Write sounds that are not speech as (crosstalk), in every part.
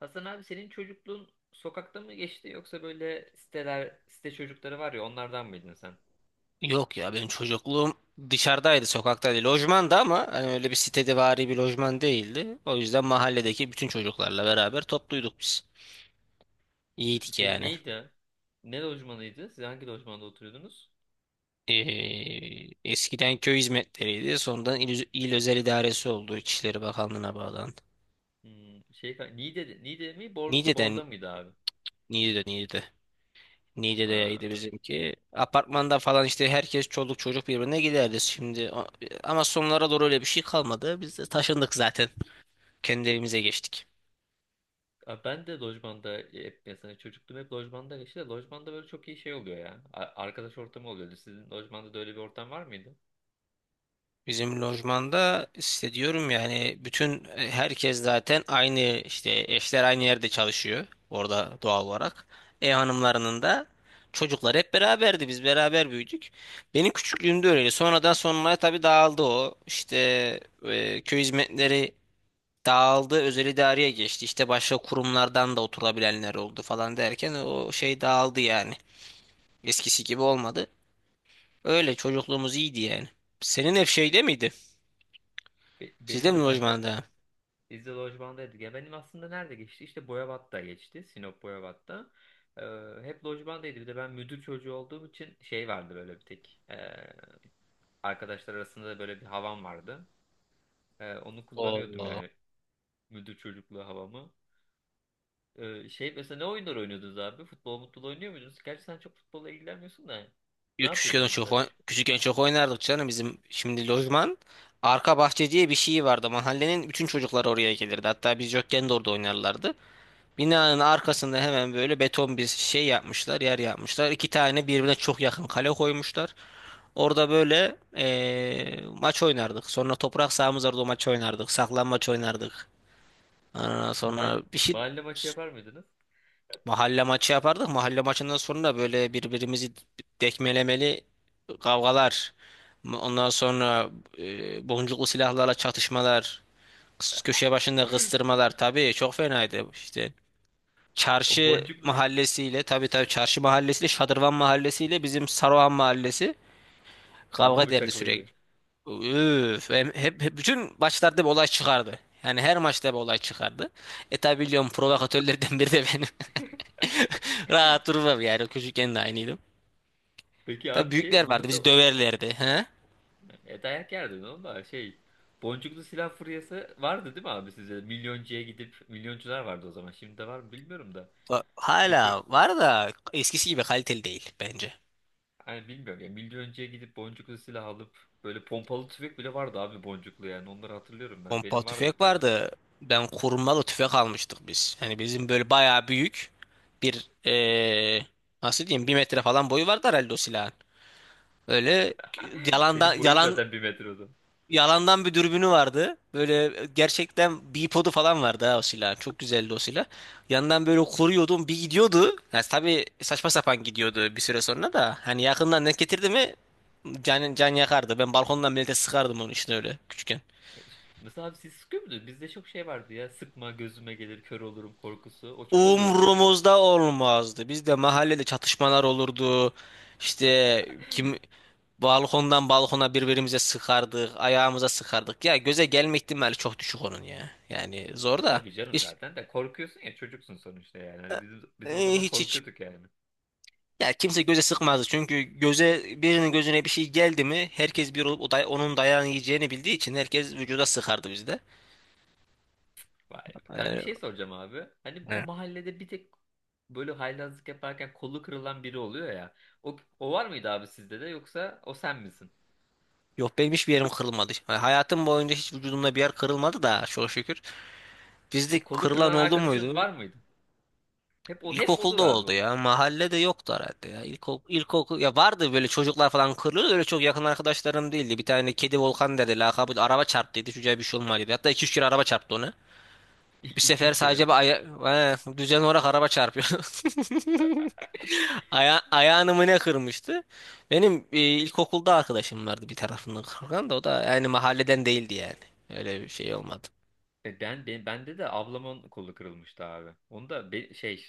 Hasan abi senin çocukluğun sokakta mı geçti yoksa böyle site çocukları var ya onlardan mıydın sen? Yok ya benim çocukluğum dışarıdaydı, sokaktaydı. Lojmanda ama hani öyle bir sitedevari bir lojman değildi. O yüzden mahalledeki bütün çocuklarla beraber topluyduk biz. İyiydik Şey yani. neydi? Ne lojmanıydı? Siz hangi lojmanda oturuyordunuz? Eskiden köy hizmetleriydi. Sonradan il özel idaresi oldu. İçişleri Bakanlığı'na bağlandı. Şey, Niğde mi? Bor, Niğde'den, Bor'da mıydı abi? Niğde. Niğde'deydi Ha. bizimki. Apartmanda falan işte herkes çoluk çocuk birbirine giderdi şimdi. Ama sonlara doğru öyle bir şey kalmadı. Biz de taşındık zaten. Kendi evimize geçtik. Abi ben de lojmanda hep mesela çocukluğum hep lojmanda geçti de lojmanda böyle çok iyi şey oluyor ya. Arkadaş ortamı oluyordu. Sizin lojmanda da öyle bir ortam var mıydı? Bizim lojmanda işte diyorum yani bütün herkes zaten aynı işte eşler aynı yerde çalışıyor orada doğal olarak. Hanımlarının da çocuklar hep beraberdi biz beraber büyüdük. Benim küçüklüğümde öyleydi. Sonradan sonraya tabii dağıldı o. İşte köy hizmetleri dağıldı özel idareye geçti. İşte başka kurumlardan da oturabilenler oldu falan derken o şey dağıldı yani. Eskisi gibi olmadı. Öyle çocukluğumuz iyiydi yani. Senin hep şeyde miydi? Benim Sizde mi de kanka, lojmanda? biz de lojmandaydık. Ya benim aslında nerede geçti? İşte Boyabat'ta geçti. Sinop Boyabat'ta. Ee, Hep lojmandaydı. Bir de ben müdür çocuğu olduğum için şey vardı böyle bir tek. Arkadaşlar arasında da böyle bir havam vardı. Onu kullanıyordum Allah. yani. Müdür çocukluğu havamı. Şey mesela ne oyunlar oynuyordunuz abi? Futbol mutlu oynuyor muydunuz? Gerçi sen çok futbolla ilgilenmiyorsun da. Ne Yo, yapıyordunuz mesela küçük? küçükken çok oynardık canım bizim şimdi lojman arka bahçe diye bir şey vardı. Mahallenin bütün çocuklar oraya gelirdi. Hatta biz yokken de orada oynarlardı. Binanın arkasında hemen böyle beton bir şey yapmışlar, yer yapmışlar. İki tane birbirine çok yakın kale koymuşlar. Orada böyle maç oynardık. Sonra toprak sahamız vardı o maç oynardık. Saklanmaç oynardık. Aa, Mahall- sonra bir şey. mahalle maçı yapar mıydınız? Mahalle maçı yapardık. Mahalle maçından sonra böyle birbirimizi dekmelemeli kavgalar. Ondan sonra boncuklu silahlarla çatışmalar. Köşe başında (laughs) kıstırmalar. Tabii çok fenaydı işte. O Çarşı boncuklu, mahallesiyle tabii tabii, çarşı mahallesiyle Şadırvan mahallesiyle bizim Saruhan mahallesi kanlı kavga derdi bıçaklıydı. sürekli. Üf, hep bütün maçlarda bir olay çıkardı. Yani her maçta bir olay çıkardı. Tabi biliyorum provokatörlerden biri de benim. (laughs) Rahat durmam yani. Çocukken de aynıydım. Peki Tabii abi şey büyükler bu vardı bizi mesela, döverlerdi. He? e dayak yerdin oğlum da şey. Boncuklu silah furyası vardı değil mi abi size? Milyoncuya gidip milyoncular vardı o zaman. Şimdi de var mı bilmiyorum da. Hala Milyon, var da eskisi gibi kaliteli değil bence. hani bilmiyorum ya. Milyoncuya gidip boncuklu silah alıp böyle pompalı tüfek bile vardı abi, boncuklu yani. Onları hatırlıyorum ben. Pompa Benim vardı bir tüfek tane. vardı. Ben kurmalı tüfek almıştık biz. Hani bizim böyle bayağı büyük bir nasıl diyeyim 1 metre falan boyu vardı herhalde o silahın. Öyle. (laughs) yalandan Senin boyun yalan zaten bir metre o zaman. Yalandan bir dürbünü vardı. Böyle gerçekten bipodu falan vardı ha o silah. Çok güzeldi o silah. Yandan böyle koruyordum bir gidiyordu. Yani tabii saçma sapan gidiyordu bir süre sonra da. Hani yakından denk getirdi mi can yakardı. Ben balkondan millete sıkardım onu işte öyle küçükken. Mesela abi siz sıkıyor muydunuz? Bizde çok şey vardı ya. Sıkma, gözüme gelir kör olurum korkusu. O çok oluyordu ya. Umrumuzda olmazdı. Bizde mahallede çatışmalar olurdu. İşte kim balkondan balkona birbirimize sıkardık. Ayağımıza sıkardık. Ya göze gelme ihtimali çok düşük onun ya. Yani zor E da. tabii canım, zaten de korkuyorsun ya, çocuksun sonuçta yani. Hani biz o zaman Hiç hiç. korkuyorduk yani. Ya kimse göze sıkmazdı. Çünkü birinin gözüne bir şey geldi mi herkes bir olup onun dayağını yiyeceğini bildiği için herkes vücuda sıkardı bizde. Vay be. Kanka bir E, şey soracağım abi. Hani o e. mahallede bir tek böyle haylazlık yaparken kolu kırılan biri oluyor ya. O var mıydı abi sizde de yoksa o sen misin? Yok benim hiçbir yerim kırılmadı. Yani hayatım boyunca hiç vücudumda bir yer kırılmadı da çok şükür. Bizde O kolu kırılan kırılan oldu arkadaşın muydu? var mıydı? Hep o, hep olur İlkokulda abi oldu o. ya. Mahallede yoktu herhalde ya. İlkokul ya vardı böyle çocuklar falan kırılıyordu. Öyle çok yakın arkadaşlarım değildi. Bir tane kedi Volkan dedi. Lakabı araba çarptıydı. Çocuğa bir şey olmadı, dedi. Hatta iki üç kere araba çarptı onu. Bir (laughs) sefer 2-3 kere sadece bir mi? aya. He, düzen olarak araba çarpıyor. (laughs) Ayağını mı ne kırmıştı? Benim ilkokulda arkadaşım vardı bir tarafından kırgan da o da yani mahalleden değildi yani. Öyle bir şey olmadı. Ben bende de ablamın kolu kırılmıştı abi. Onu da be- şey,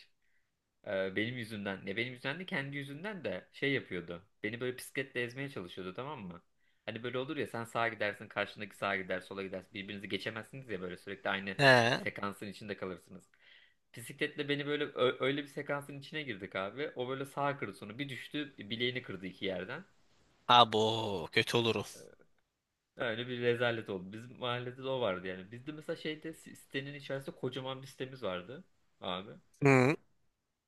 Benim yüzümden, ne benim yüzümden de kendi yüzünden de şey yapıyordu. Beni böyle bisikletle ezmeye çalışıyordu, tamam mı? Hani böyle olur ya, sen sağa gidersin karşındaki sağa gider, sola gidersin, birbirinizi geçemezsiniz ya, böyle sürekli aynı He. sekansın içinde kalırsınız. Bisikletle beni böyle öyle bir sekansın içine girdik abi. O böyle sağa kırdı, sonra bir düştü, bileğini kırdı iki yerden. Abo kötü olurum. Öyle bir rezalet oldu. Bizim mahallede de o vardı yani. Bizde mesela şeyde, sitenin içerisinde kocaman bir sitemiz vardı abi. Hı.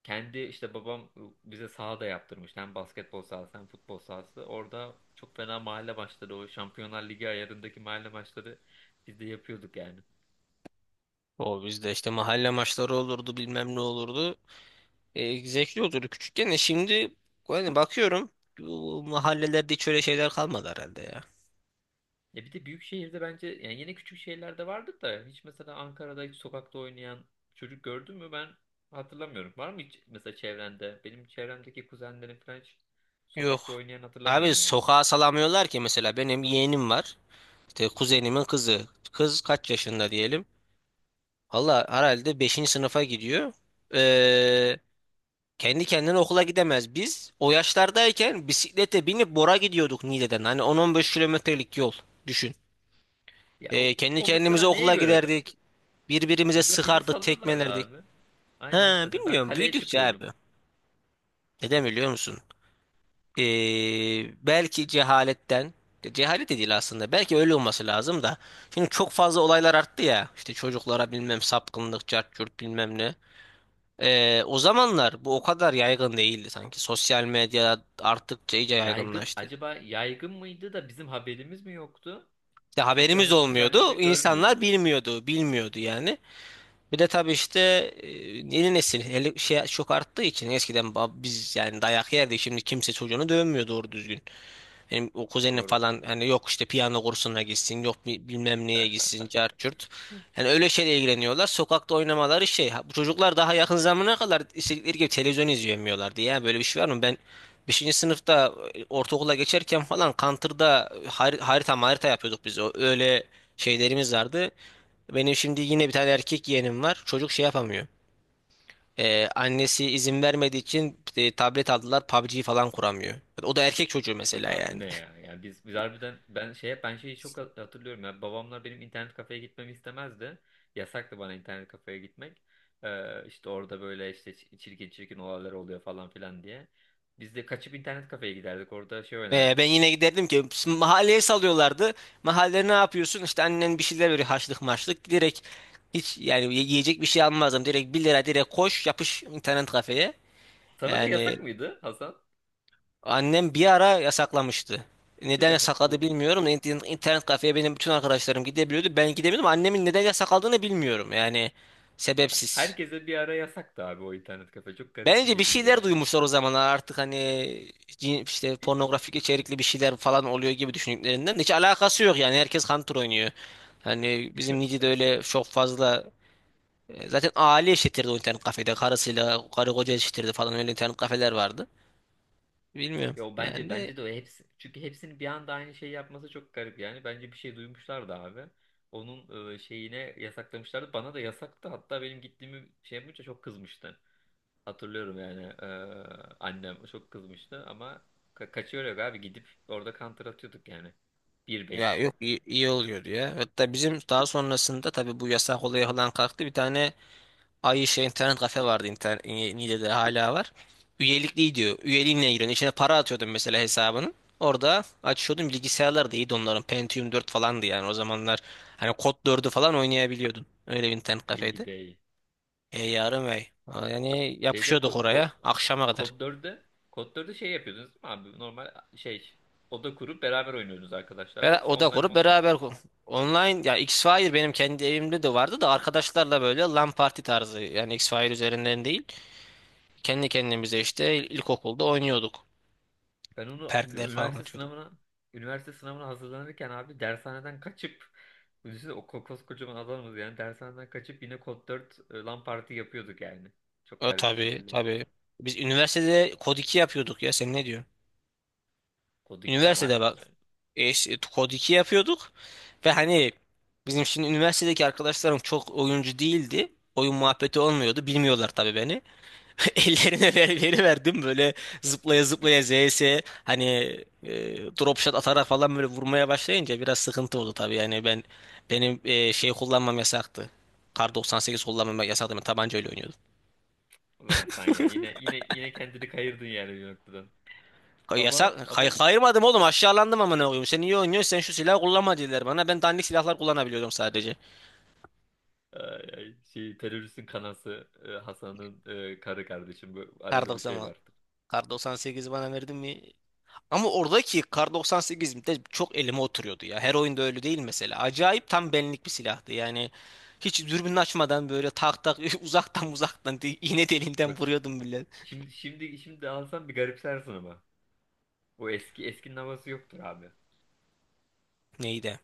Kendi işte babam bize saha da yaptırmış. Hem basketbol sahası hem futbol sahası. Orada çok fena mahalle maçları, o Şampiyonlar Ligi ayarındaki mahalle maçları biz de yapıyorduk yani. O bizde işte mahalle maçları olurdu bilmem ne olurdu. Zevkli olurdu küçükken de şimdi yani bakıyorum bu mahallelerde hiç öyle şeyler kalmadı herhalde ya. Ya bir de büyük şehirde bence, yani yine küçük şehirlerde vardır da, hiç mesela Ankara'da hiç sokakta oynayan çocuk gördün mü, ben hatırlamıyorum. Var mı hiç mesela çevrende? Benim çevremdeki kuzenlerim falan hiç Yok. sokakta oynayan Abi hatırlamıyorum yani. sokağa salamıyorlar ki mesela benim yeğenim var. İşte kuzenimin kızı. Kız kaç yaşında diyelim. Valla herhalde beşinci sınıfa gidiyor. Ee, kendi kendine okula gidemez. Biz o yaşlardayken bisiklete binip Bora gidiyorduk Niğde'den. Hani 10-15 kilometrelik yol düşün. Ya o, Kendi o mesela kendimize neye okula göre? giderdik. Birbirimize Bizi sıkardık, salıyorlardı tekmelerdik. abi. Aynen. Ha, Mesela ben bilmiyorum kaleye büyüdükçe abi. çıkıyordum. Neden biliyor musun? Belki cehaletten cehalet de değil aslında belki öyle olması lazım da şimdi çok fazla olaylar arttı ya işte çocuklara bilmem sapkınlık cart curt bilmem ne. O zamanlar bu o kadar yaygın değildi sanki sosyal medya arttıkça İşte iyice yaygın, yaygınlaştı. acaba yaygın mıydı da bizim haberimiz mi yoktu? İşte Çünkü haberimiz hani sosyal medyada olmuyordu görmüyordum. insanlar bilmiyordu bilmiyordu yani. Bir de tabii işte e, yeni nesil hele şey çok arttığı için eskiden biz yani dayak yerdik şimdi kimse çocuğunu dövmüyor doğru düzgün. Benim o kuzenim Doğru. falan hani yok işte piyano kursuna gitsin, yok bilmem neye gitsin, cart. Yani öyle şeyle ilgileniyorlar. Sokakta oynamaları şey. Ha, bu çocuklar daha yakın zamana kadar istedikleri gibi televizyon izleyemiyorlardı ya. Böyle bir şey var mı? Ben 5. sınıfta ortaokula geçerken falan Counter'da harita harita yapıyorduk biz. Öyle şeylerimiz vardı. Benim şimdi yine bir tane erkek yeğenim var. Çocuk şey yapamıyor. Annesi izin vermediği için tablet aldılar. PUBG falan kuramıyor. O da erkek çocuğu Yok mesela abi bu ne yani. ya? Yani biz harbiden ben şeye ben şeyi çok hatırlıyorum ya. Babamlar benim internet kafeye gitmemi istemezdi. Yasaktı bana internet kafeye gitmek. İşte orada böyle işte çirkin çirkin olaylar oluyor falan filan diye. Biz de kaçıp internet kafeye giderdik. Orada şey Ben oynardık. yine giderdim ki şimdi mahalleye salıyorlardı. Mahallede ne yapıyorsun? İşte annen bir şeyler veriyor haşlık maşlık. Direkt hiç yani yiyecek bir şey almazdım. Direkt 1 lira direkt koş yapış internet kafeye. Sana da Yani yasak mıydı Hasan? annem bir ara yasaklamıştı. Değil Neden mi? yasakladı bilmiyorum. İnternet kafeye benim bütün arkadaşlarım gidebiliyordu. Ben gidemiyordum. Annemin neden yasakladığını bilmiyorum. Yani sebepsiz. Herkese bir ara yasaktı abi o internet kafe. Çok garip bir Bence bir şekilde şeyler yani. duymuşlar o zamanlar artık hani işte pornografik içerikli bir şeyler falan oluyor gibi düşündüklerinden de hiç alakası yok yani herkes Hunter oynuyor. Hani bizim (laughs) Nice'de öyle çok fazla zaten aile eşittirdi o internet kafede karısıyla karı koca eşittirdi falan öyle internet kafeler vardı. Bilmiyorum Yo bence yani bence de o hepsi, çünkü hepsinin bir anda aynı şeyi yapması çok garip yani. Bence bir şey duymuşlardı abi. Onun şeyine yasaklamışlardı. Bana da yasaktı. Hatta benim gittiğimi şey yapınca çok kızmıştı. Hatırlıyorum yani, annem çok kızmıştı ama ka, kaçıyor yok abi, gidip orada counter atıyorduk yani. Bir ya beş, yok iyi oluyordu ya. Hatta bizim daha sonrasında tabii bu yasak olayı falan kalktı bir tane. Ay şey internet kafe vardı internet Niğde'de hala var. Üyelikli diyor. Üyeliğinle giriyorsun. İçine para atıyordun mesela hesabının. Orada açıyordun bilgisayarlar da iyiydi onların. Pentium 4 falandı yani o zamanlar. Hani Kod 4'ü falan oynayabiliyordun. Öyle bir internet İyi kafeydi. gidey. Yarım ay. Yani Şeyde, yapışıyorduk ko oraya ko akşama kadar. Kod 4'de, Kod 4'de şey yapıyordunuz değil mi abi? Normal şey, oda kurup beraber oynuyordunuz arkadaşlarla, Ve yoksa oda online mi kurup online? beraber online ya X-Fire benim kendi evimde de vardı da arkadaşlarla böyle LAN parti tarzı yani X-Fire üzerinden değil. Kendi kendimize işte ilkokulda oynuyorduk. Ben onu ün- Perkler falan üniversite açıyorduk. sınavına üniversite sınavına hazırlanırken abi dershaneden kaçıp, düşünsene o koskocaman adamız yani, dershaneden kaçıp yine kod 4 LAN parti yapıyorduk yani. Çok garip bir Tabii şekilde. tabii. Biz üniversitede kod 2 yapıyorduk ya sen ne diyorsun? Kod 2 de ama Üniversitede haydi bak. canım. İşte kod 2 yapıyorduk ve hani bizim şimdi üniversitedeki arkadaşlarım çok oyuncu değildi. Oyun muhabbeti olmuyordu. Bilmiyorlar tabii beni. (laughs) Ellerine veriverdim böyle zıplaya zıplaya ZS hani drop shot atarak falan böyle vurmaya başlayınca biraz sıkıntı oldu tabii. Yani benim şey kullanmam yasaktı. Kar 98 kullanmam yasaktı. Ben tabancayla oynuyordum. Ulan Hasan ya, yine kendini kayırdın yani bir noktadan. Ama Yasak. ama Kayırmadım oğlum. Aşağılandım ama ne koyayım. Sen iyi oynuyorsun. Sen şu silahı kullanma dediler bana. Ben dandik silahlar kullanabiliyorum sadece. Şey teröristin kanası, Hasan'ın, karı kardeşim bu Kar arada, bir şey 90 vardır. Kar 98 bana verdin mi? Ama oradaki Kar 98 de çok elime oturuyordu ya. Her oyunda öyle değil mesela. Acayip tam benlik bir silahtı. Yani hiç dürbün açmadan böyle tak tak (laughs) uzaktan uzaktan iğne deliğinden Bak şi- vuruyordum bile. şimdi şimdi şimdi alsan bir garipsersin ama. Bu eskinin havası yoktur abi. Neydi?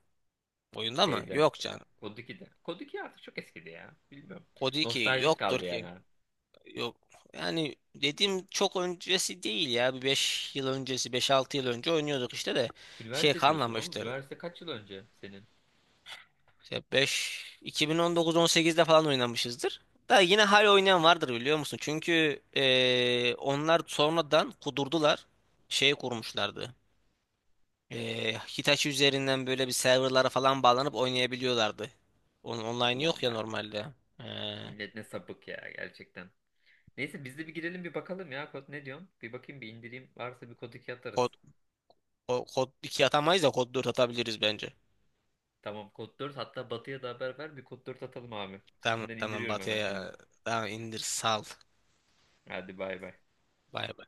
Oyunda mı? Şeyde. Yok canım. Kod 2'de. Kod 2 artık çok eskidi ya. Bilmiyorum. Kod 2 Nostaljik yoktur. kaldı yani. Yok, yani dediğim çok öncesi değil ya. Bir 5 yıl öncesi beş altı yıl önce oynuyorduk işte de şey Üniversite diyorsun oğlum. kalmamıştır. Üniversite kaç yıl önce senin? İşte 5 2019-18'de falan oynamışızdır. Da yine hala oynayan vardır biliyor musun? Çünkü onlar sonradan kudurdular. Şey kurmuşlardı. Hitachi üzerinden böyle bir serverlara falan bağlanıp oynayabiliyorlardı. Onun online Ulan yok ya var ya. normalde. Eee, Millet ne sapık ya, gerçekten. Neyse biz de bir girelim bir bakalım ya. Kod ne diyorsun? Bir bakayım bir indireyim. Varsa bir kod 2 kod, atarız. Kod 2 atamayız da kod 4 atabiliriz bence. Tamam, kod 4, hatta Batı'ya da haber ver. Bir kod 4 atalım abi. Tamam Üstünden tamam indiriyorum Batı'ya hemen şimdi. ya. Tamam indir sal. Hadi bay bay. Bay bay.